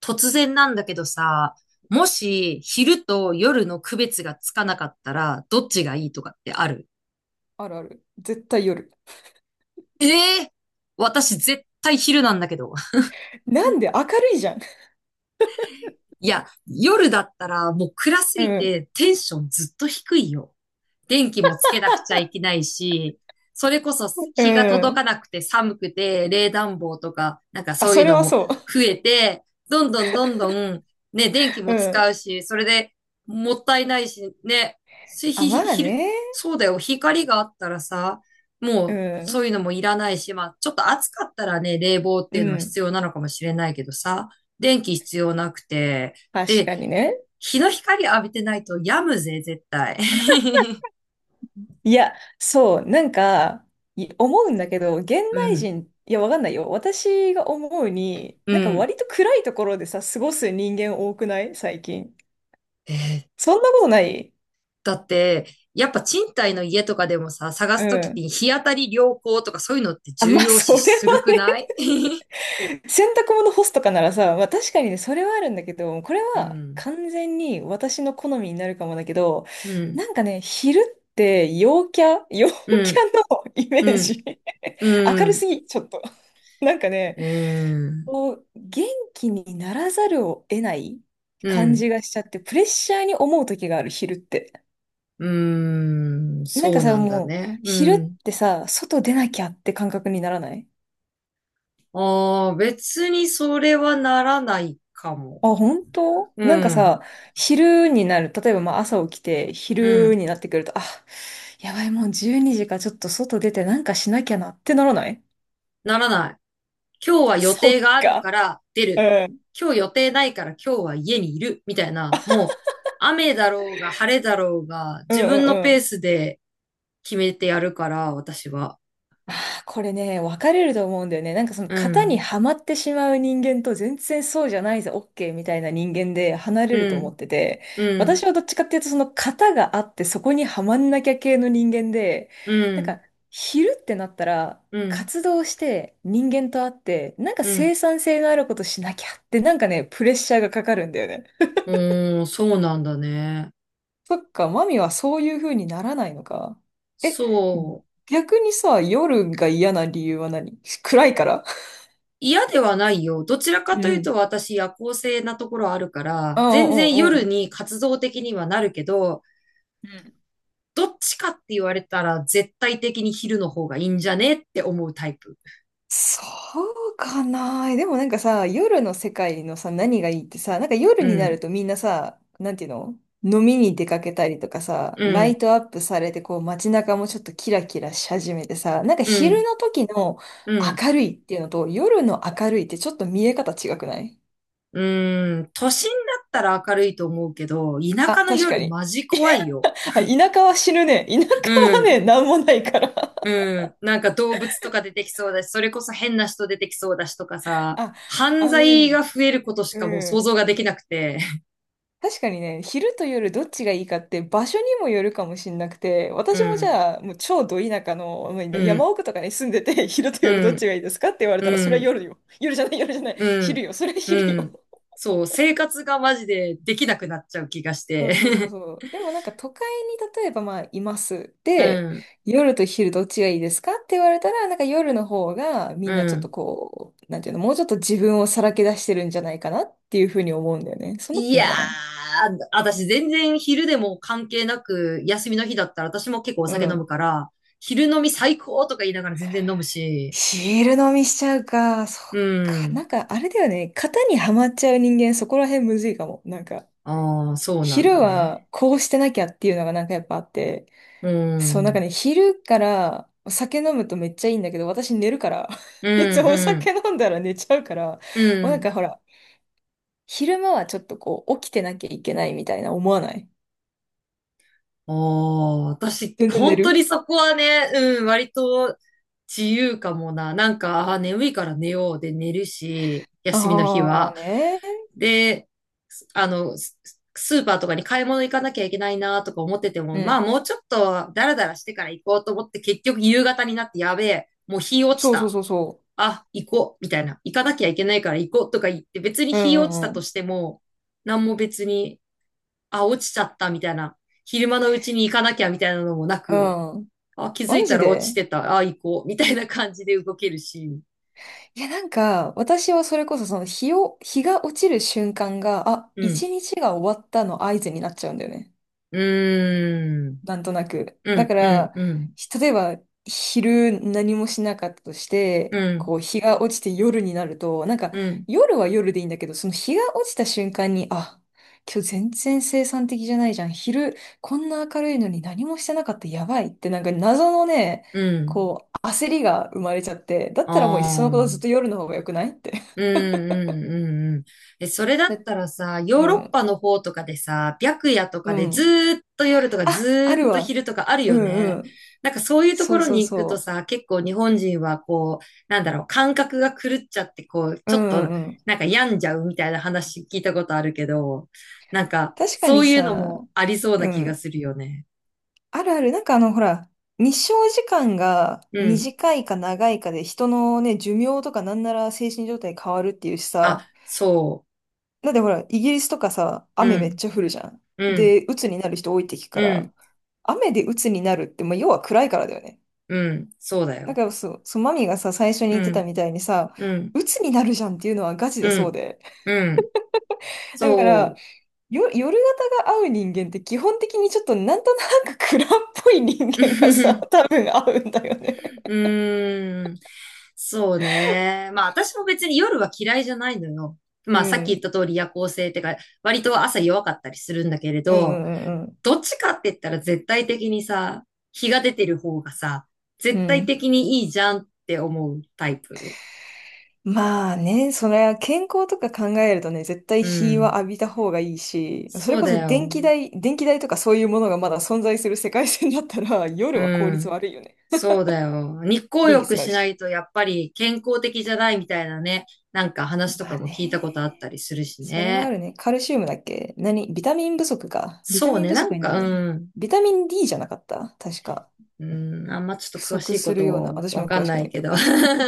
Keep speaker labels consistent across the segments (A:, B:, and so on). A: 突然なんだけどさ、もし昼と夜の区別がつかなかったら、どっちがいいとかってある？
B: あるある。絶対夜。
A: ええ、私絶対昼なんだけど。
B: なん で明るいじゃん。
A: いや、夜だったらもう暗す
B: う
A: ぎ
B: ん。
A: てテンションずっと低いよ。電気もつけなくちゃいけないし、それこそ
B: う
A: 日が届か
B: ん。
A: なくて寒くて、冷暖房とか、なんか
B: あ、
A: そう
B: そ
A: いう
B: れ
A: の
B: は
A: も
B: そ
A: 増えて、どんどんどんどん、ね、電気
B: う。
A: も
B: う
A: 使
B: ん。
A: うし、それでもったいないし、ね、
B: あ、まあ
A: 昼、
B: ね。
A: そうだよ、光があったらさ、
B: う
A: もうそ
B: ん。
A: ういうのもいらないし、まあ、ちょっと暑かったらね、冷房って
B: う
A: いうのは必
B: ん。
A: 要なのかもしれないけどさ、電気必要なくて、
B: 確
A: で、
B: かにね。
A: 日の光浴びてないと病むぜ、絶対。
B: いや、そう、なんか、思うんだけど、現
A: う
B: 代
A: ん。
B: 人、いや、わかんないよ。私が思うに、
A: う
B: なんか
A: ん。
B: 割と暗いところでさ、過ごす人間多くない最近？
A: えー
B: そんなことない？
A: だって、やっぱ賃貸の家とかでもさ、探
B: う
A: すときって
B: ん。
A: 日当たり良好とかそういうのって
B: あ、
A: 重
B: まあ、
A: 要
B: そ
A: 視
B: れは
A: するくな
B: ね、
A: い？
B: 洗濯物干すとかならさ、まあ確かにね、それはあるんだけど、これ
A: う
B: は
A: ん。
B: 完全に私の好みになるかもだけど、
A: うん、
B: なんかね、昼って陽キャ、陽キ
A: う
B: ャ
A: ん、
B: のイメー
A: うん、
B: ジ。
A: う
B: 明る
A: ん、
B: すぎ、ちょっと。なんかね、
A: うん、
B: こう、元気にならざるを得ない
A: う
B: 感じ
A: ん、
B: がしちゃって、プレッシャーに思う時がある、昼って。
A: うん、
B: なん
A: そ
B: か
A: う
B: さ、
A: なんだ
B: もう、
A: ね。う
B: 昼
A: ん。
B: ってさ、外出なきゃって感覚にならない？
A: ああ、別にそれはならないかも。
B: あ、本当？
A: う
B: なんか
A: ん、
B: さ、昼になる、例えばまあ朝起きて、
A: う
B: 昼
A: ん、
B: になってくると、あ、やばい、もう12時か、ちょっと外出てなんかしなきゃなってならない？
A: ならない。今日は予
B: そ
A: 定
B: っ
A: がある
B: か。
A: から出
B: う
A: る。
B: ん。
A: 今日予定ないから今日は家にいる。みたいな、もう雨だろうが晴れだろうが
B: うんう
A: 自分の
B: んう
A: ペー
B: ん。
A: スで決めてやるから、私は。
B: あーこれね、分かれると思うんだよね。なんかその
A: う
B: 型に
A: ん。
B: はまってしまう人間と全然そうじゃないぜ、OK みたいな人間で離れる
A: う
B: と思っ
A: ん。
B: てて、
A: うん。
B: 私はどっちかっていうとその型があってそこにはまんなきゃ系の人間で、
A: う
B: なん
A: ん。
B: か昼ってなったら
A: うん。
B: 活動して人間と会って、なんか
A: うん。
B: 生産性のあることしなきゃってなんかね、プレッシャーがかかるんだよね。
A: うーん、そうなんだね。
B: そっか、マミはそういう風にならないのか。え、
A: そう。
B: 逆にさ、夜が嫌な理由は何？暗いから？
A: 嫌ではないよ。どちらか
B: うん。
A: と
B: う
A: いうと
B: ん
A: 私夜行性なところあるから、
B: うん
A: 全然
B: うんう
A: 夜
B: ん。
A: に活動的にはなるけど、
B: うん。
A: どっちかって言われたら絶対的に昼の方がいいんじゃねって思うタイプ。
B: そうかな。でもなんかさ、夜の世界のさ、何がいいってさ、なんか夜
A: う
B: になる
A: ん、
B: とみんなさ、なんていうの、飲みに出かけたりとかさ、
A: う
B: ライ
A: ん、
B: トアップされて、こう街中もちょっとキラキラし始めてさ、なんか
A: う
B: 昼
A: ん、
B: の時の
A: うん、
B: 明るいっていうのと夜の明るいってちょっと見え方違くない？
A: うん。都心だったら明るいと思うけど、田舎
B: あ、
A: の
B: 確か
A: 夜
B: に。
A: マジ怖いよ。
B: あ、田舎は死ぬね。田舎
A: う
B: はね、
A: ん、
B: なんもないから。
A: うん。なんか動物とか出てきそうだし、それこそ変な人出てきそうだしとか さ、
B: あ、
A: 犯
B: あの
A: 罪が
B: ね、
A: 増えることしかもう
B: う
A: 想
B: ん。
A: 像ができなくて。
B: 確かにね、昼と夜どっちがいいかって場所にもよるかもしんなくて、
A: う
B: 私もじ
A: ん、
B: ゃあ、もう超ど田舎の、もう
A: う
B: ね山
A: ん、
B: 奥とかに住んでて、昼と夜
A: う
B: どっち
A: ん、
B: がいいですかって言われたら、
A: う
B: それは
A: ん、
B: 夜よ。夜じゃない、夜じゃない。
A: う
B: 昼
A: ん、
B: よ、それは
A: う
B: 昼よ。
A: ん。そう、生活がマジでできなくなっちゃう気がし
B: そう
A: て。
B: そうそう そう。でもなんか都会に例えばまあいます。
A: う
B: で、
A: ん、
B: 夜と昼どっちがいいですかって言われたら、なんか夜の方がみ
A: う
B: んなちょっと
A: ん。
B: こう、なんていうの、もうちょっと自分をさらけ出してるんじゃないかなっていうふうに思うんだよね。そんなこ
A: い
B: と
A: や
B: ないかな。
A: ー、私全然昼でも関係なく、休みの日だったら私も結構お酒飲むから、昼飲み最高とか言いながら全然飲むし、
B: ヒール飲みしちゃうか。そっ
A: う
B: か。な
A: ん。
B: んか、あれだよね。型にはまっちゃう人間、そこら辺むずいかも。なんか、
A: ああ、そうなん
B: 昼
A: だね。
B: はこうしてなきゃっていうのがなんかやっぱあって。
A: う
B: そう、なんか
A: ん。
B: ね、昼からお酒飲むとめっちゃいいんだけど、私寝るから。
A: う
B: いつ
A: ん、
B: もお
A: う
B: 酒
A: ん、
B: 飲んだら寝ちゃうから。も
A: う
B: うなんか
A: ん。
B: ほら、昼間はちょっとこう、起きてなきゃいけないみたいな思わない？
A: おー、私、
B: 全然寝
A: 本当
B: る？
A: にそこはね、うん、割と自由かもな。なんか、あー、眠いから寝ようで寝るし、休みの日
B: ああ
A: は。
B: ーね。
A: で、すあの、ススーパーとかに買い物行かなきゃいけないなとか思ってて
B: う
A: も、まあ
B: ん。
A: もうちょっとダラダラしてから行こうと思って結局夕方になってやべえ、もう日落ち
B: そうそう
A: た。
B: そうそ
A: あ、行こう、みたいな。行かなきゃいけないから行こうとか言って別に
B: う。う
A: 日落ち
B: ん
A: た
B: う
A: と
B: ん
A: しても、何も別にあ、落ちちゃったみたいな、昼間のうちに行かなきゃみたいなのもな
B: う
A: く、
B: ん。うん。
A: あ、気づ
B: マ
A: いた
B: ジ
A: ら落
B: で？
A: ちてた、あ、行こう、みたいな感じで動けるし、
B: いや、なんか、私はそれこそその日を、日が落ちる瞬間が、あ、
A: うん。
B: 一日が終わったの合図になっちゃうんだよね。
A: うーん。
B: なんとなく。
A: う
B: だ
A: ん、
B: か
A: うん、
B: ら、
A: うん、
B: 例えば、昼何もしなかったとし
A: う
B: て、
A: ん、
B: こう、日が落ちて夜になると、なんか、
A: うん、
B: 夜は夜でいいんだけど、その日が落ちた瞬間に、あ、今日全然生産的じゃないじゃん。昼、こんな明るいのに何もしてなかった、やばいって、なんか謎のね、
A: うん。
B: こう、焦りが生まれちゃって、だっ
A: あ
B: たらもういっそのこと
A: ー
B: ずっと夜の方が良くないって。
A: うんうんうんうん。え、それだっ
B: で、
A: たらさ、ヨ
B: う
A: ーロッ
B: ん、
A: パの方とかでさ、白夜とか
B: う
A: でず
B: ん。
A: ーっと夜とかず
B: あ、あ
A: ーっ
B: る
A: と
B: わ。
A: 昼とかある
B: う
A: よ
B: ん
A: ね。
B: うん。
A: なんかそういうと
B: そ
A: こ
B: う
A: ろ
B: そ
A: に
B: う
A: 行くと
B: そ
A: さ、結構日本人はこう、なんだろう、感覚が狂っちゃってこう、
B: う。
A: ち
B: う
A: ょっ
B: ん
A: と
B: うんうん。
A: なんか病んじゃうみたいな話聞いたことあるけど、なんか
B: 確か
A: そ
B: に
A: ういうの
B: さ、
A: もありそうな
B: う
A: 気が
B: ん。
A: するよね。
B: あるある。なんかあの、ほら、日照時間が
A: うん。
B: 短いか長いかで人のね、寿命とかなんなら精神状態変わるっていうし
A: あ、
B: さ。
A: そ
B: だってほら、イギリスとかさ、
A: う。
B: 雨
A: う
B: めっ
A: ん、
B: ちゃ降るじゃん。
A: うん、
B: で、鬱になる人多いって聞くか
A: う
B: ら、
A: ん、
B: 雨で鬱になるって、まあ、要は暗いからだよね。
A: うん、そうだ
B: だ
A: よ。
B: からそう、そう、マミがさ、最初に
A: う
B: 言ってた
A: ん、
B: みたいにさ、
A: うん、
B: 鬱になるじゃんっていうのはガチで
A: う
B: そう
A: ん、
B: で。
A: うん。
B: だから、
A: そう。
B: 夜型が合う人間って基本的にちょっとなんとなく暗っぽい人間がさ、多分合うんだよね。
A: うーん。そうね。まあ私も別に夜は嫌いじゃないのよ。
B: う
A: まあさっき言っ
B: ん。
A: た通り夜行性ってか、割と朝弱かったりするんだけれ
B: うん
A: ど、
B: うんうん
A: どっちかって言ったら絶対的にさ、日が出てる方がさ、
B: う
A: 絶
B: ん。う
A: 対
B: ん。
A: 的にいいじゃんって思うタイプ。
B: まあね、それは健康とか考えるとね、絶対
A: う
B: 日は
A: ん。
B: 浴びた方がいいし、そ
A: そ
B: れ
A: う
B: こ
A: だ
B: そ電
A: よ。
B: 気代、電気代とかそういうものがまだ存在する世界線だったら、
A: う
B: 夜は効率
A: ん。
B: 悪いよね。
A: そうだよ。日光
B: 電気
A: 浴
B: 使う
A: しな
B: し。
A: いとやっぱり健康的じゃないみたいなね、なんか話と
B: ま
A: か
B: あ
A: も聞いたことあった
B: ね。
A: りするし
B: それはあ
A: ね。
B: るね。カルシウムだっけ？何ビタミン不足か。ビタ
A: そう
B: ミン
A: ね、
B: 不
A: な
B: 足
A: ん
B: になるん
A: か、
B: だよね。
A: うん、
B: ビタミン D じゃなかった確か。
A: うん、あんまちょ
B: 不
A: っと詳し
B: 足
A: いこ
B: するような。
A: と
B: 私
A: わ
B: も
A: か
B: 詳
A: ん
B: しく
A: な
B: な
A: い
B: いけ
A: け
B: ど。
A: ど。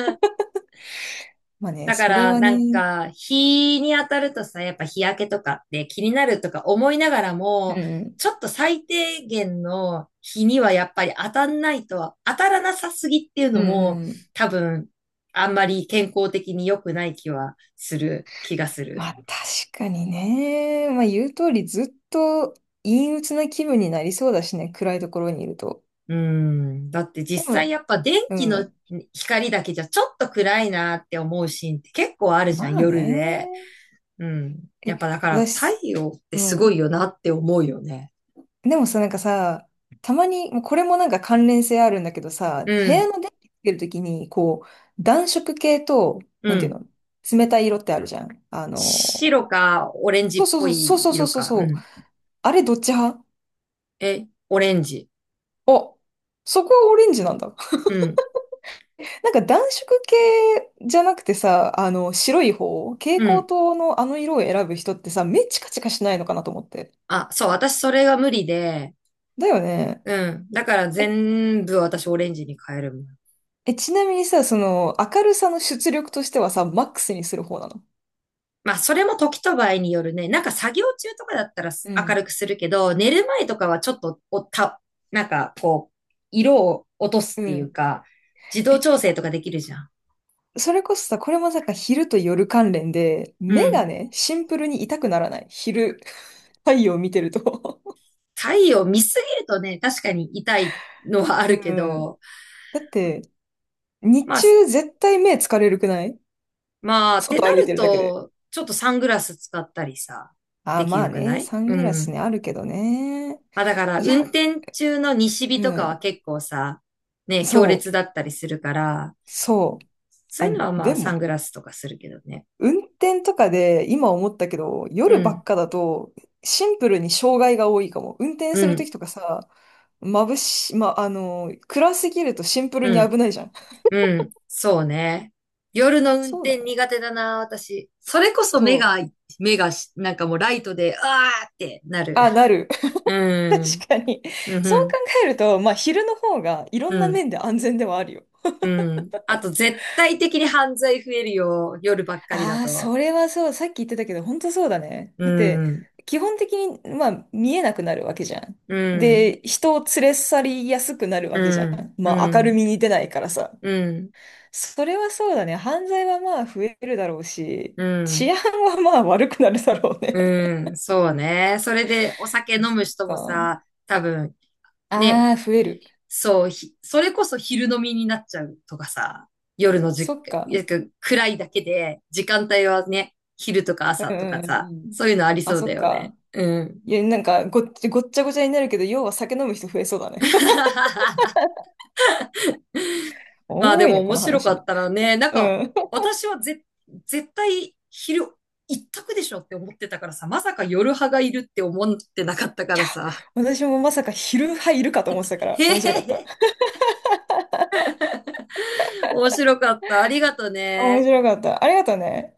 B: まあね、
A: だか
B: それ
A: ら、
B: は
A: なん
B: ね。
A: か、日に当たるとさ、やっぱ日焼けとかって気になるとか思いながらも、
B: うん。
A: ちょっと最低限の日にはやっぱり当たんないと、当たらなさすぎっていう
B: う
A: の
B: んう
A: も、
B: んうん。
A: 多分、あんまり健康的に良くない気はする、気がす
B: ま
A: る。
B: あ確かにね。まあ言う通りずっと陰鬱な気分になりそうだしね。暗いところにいると。
A: うん。だって
B: で
A: 実際
B: も、
A: やっぱ電
B: う
A: 気の
B: ん。
A: 光だけじゃちょっと暗いなって思うシーンって結構あるじゃん、
B: まあ
A: 夜で。
B: ね。
A: うん。や
B: え、
A: っぱだから
B: 私、
A: 太陽って
B: う
A: すごい
B: ん。
A: よなって思うよね。
B: でもさ、なんかさ、たまに、もうこれもなんか関連性あるんだけど
A: う
B: さ、部屋
A: ん。
B: の電気つけるときに、こう、暖色系と、
A: う
B: なんていう
A: ん。
B: の、冷たい色ってあるじゃん。あの、
A: 白かオレンジ
B: そう
A: っぽ
B: そうそう
A: い
B: そうそ
A: 色
B: うそう
A: か。う
B: そう。
A: ん。
B: あれどっち派？
A: え、オレンジ。
B: あ、そこはオレンジなんだ。
A: うん。
B: なんか暖色系じゃなくてさ、あの、白い方、蛍
A: う
B: 光
A: ん。
B: 灯のあの色を選ぶ人ってさ、目チカチカしないのかなと思って。
A: あ、そう、私それが無理で。
B: だよね。
A: うん。だから
B: え、
A: 全部私オレンジに変えるもん。
B: え、ちなみにさ、その、明るさの出力としてはさ、マックスにする方なの？
A: まあ、それも時と場合によるね。なんか作業中とかだったら
B: う
A: 明る
B: ん
A: くするけど、寝る前とかはちょっとなんかこう、色を落とすっ
B: う
A: ていう
B: ん。
A: か、自動
B: え、
A: 調整とかできるじゃん。
B: それこそさ、これもさ、昼と夜関連で、
A: う
B: 目が
A: ん。
B: ね、シンプルに痛くならない。昼、太陽見てると
A: 太陽見すぎるとね、確かに痛い のはあ
B: う
A: るけ
B: ん。
A: ど、
B: だって、日
A: まあ、す
B: 中絶対目疲れるくない？
A: まあ、って
B: 外
A: な
B: 歩いて
A: る
B: るだけで。
A: と、ちょっとサングラス使ったりさ、
B: ああ、
A: でき
B: まあ
A: るくな
B: ね、
A: い？
B: サン
A: う
B: グラス
A: ん。
B: ね、あるけどね。
A: まあだから、
B: い
A: 運
B: や、
A: 転中の西日
B: う
A: とかは
B: ん。
A: 結構さ、ね、強
B: そ
A: 烈
B: う、
A: だったりするから、
B: そう。
A: そう
B: あ、
A: いうのはまあ
B: で
A: サ
B: も、
A: ングラスとかするけどね。
B: 運転とかで今思ったけど、
A: う
B: 夜ば
A: ん、
B: っかだとシンプルに障害が多いかも。運転
A: う
B: すると
A: ん、
B: きとかさ、ま、あの、暗すぎるとシンプル
A: う
B: に
A: ん、
B: 危ないじゃん。
A: うん、そうね。夜の運
B: そうだ
A: 転
B: ね。
A: 苦手だな、私。それこそ目
B: そ
A: が、
B: う。
A: 目がし、なんかもうライトで、あーってなる。
B: あ、なる。
A: う ん、
B: 確かに。
A: う
B: そう
A: ん、
B: 考えると、まあ昼の方がいろ
A: う
B: んな
A: ん、
B: 面で安全ではあるよ。
A: うん。あと絶対的に犯罪増えるよ、夜ばっかりだ
B: ああ、
A: と。
B: それはそう。さっき言ってたけど、本当そうだね。
A: う
B: だって、
A: ん、
B: 基本的に、まあ、見えなくなるわけじゃん。
A: うん、
B: で、人を連れ去りやすくなる
A: う
B: わけじゃ
A: ん、
B: ん。まあ、
A: う
B: 明る
A: ん、
B: みに出ないからさ。
A: うん、
B: それはそうだね。犯罪はまあ増えるだろうし、
A: う
B: 治
A: ん、
B: 安はまあ悪くなるだろうね。
A: うん、そうね。それでお酒
B: あ、
A: 飲む
B: そっ
A: 人も
B: か。
A: さ、多分、ね、
B: ああ、増える。
A: それこそ昼飲みになっちゃうとかさ、夜の
B: そ
A: じ、
B: っか。
A: なんか暗いだけで、時間帯はね、昼とか
B: う
A: 朝
B: んう
A: と
B: ん
A: か
B: うん
A: さ、
B: うん。
A: そういうのあり
B: あ、
A: そう
B: そ
A: だ
B: っ
A: よね。
B: か。
A: うん。
B: いや、なんかごっちゃごちゃになるけど、要は酒飲む人増えそうだね。お
A: まあ
B: も
A: で
B: ろい
A: も
B: ね、こ
A: 面
B: の
A: 白か
B: 話
A: っ
B: ね。
A: たらね、なん
B: うん。い
A: か、
B: や、
A: 私はぜ、絶対昼一択でしょって思ってたからさ、まさか夜派がいるって思ってなかったからさ。
B: 私もまさか昼派いるかと思ってたか
A: へ
B: ら、
A: へ
B: 面白かった。
A: へ、面白かった。ありがと
B: 面
A: ね。
B: 白かった。ありがとうね。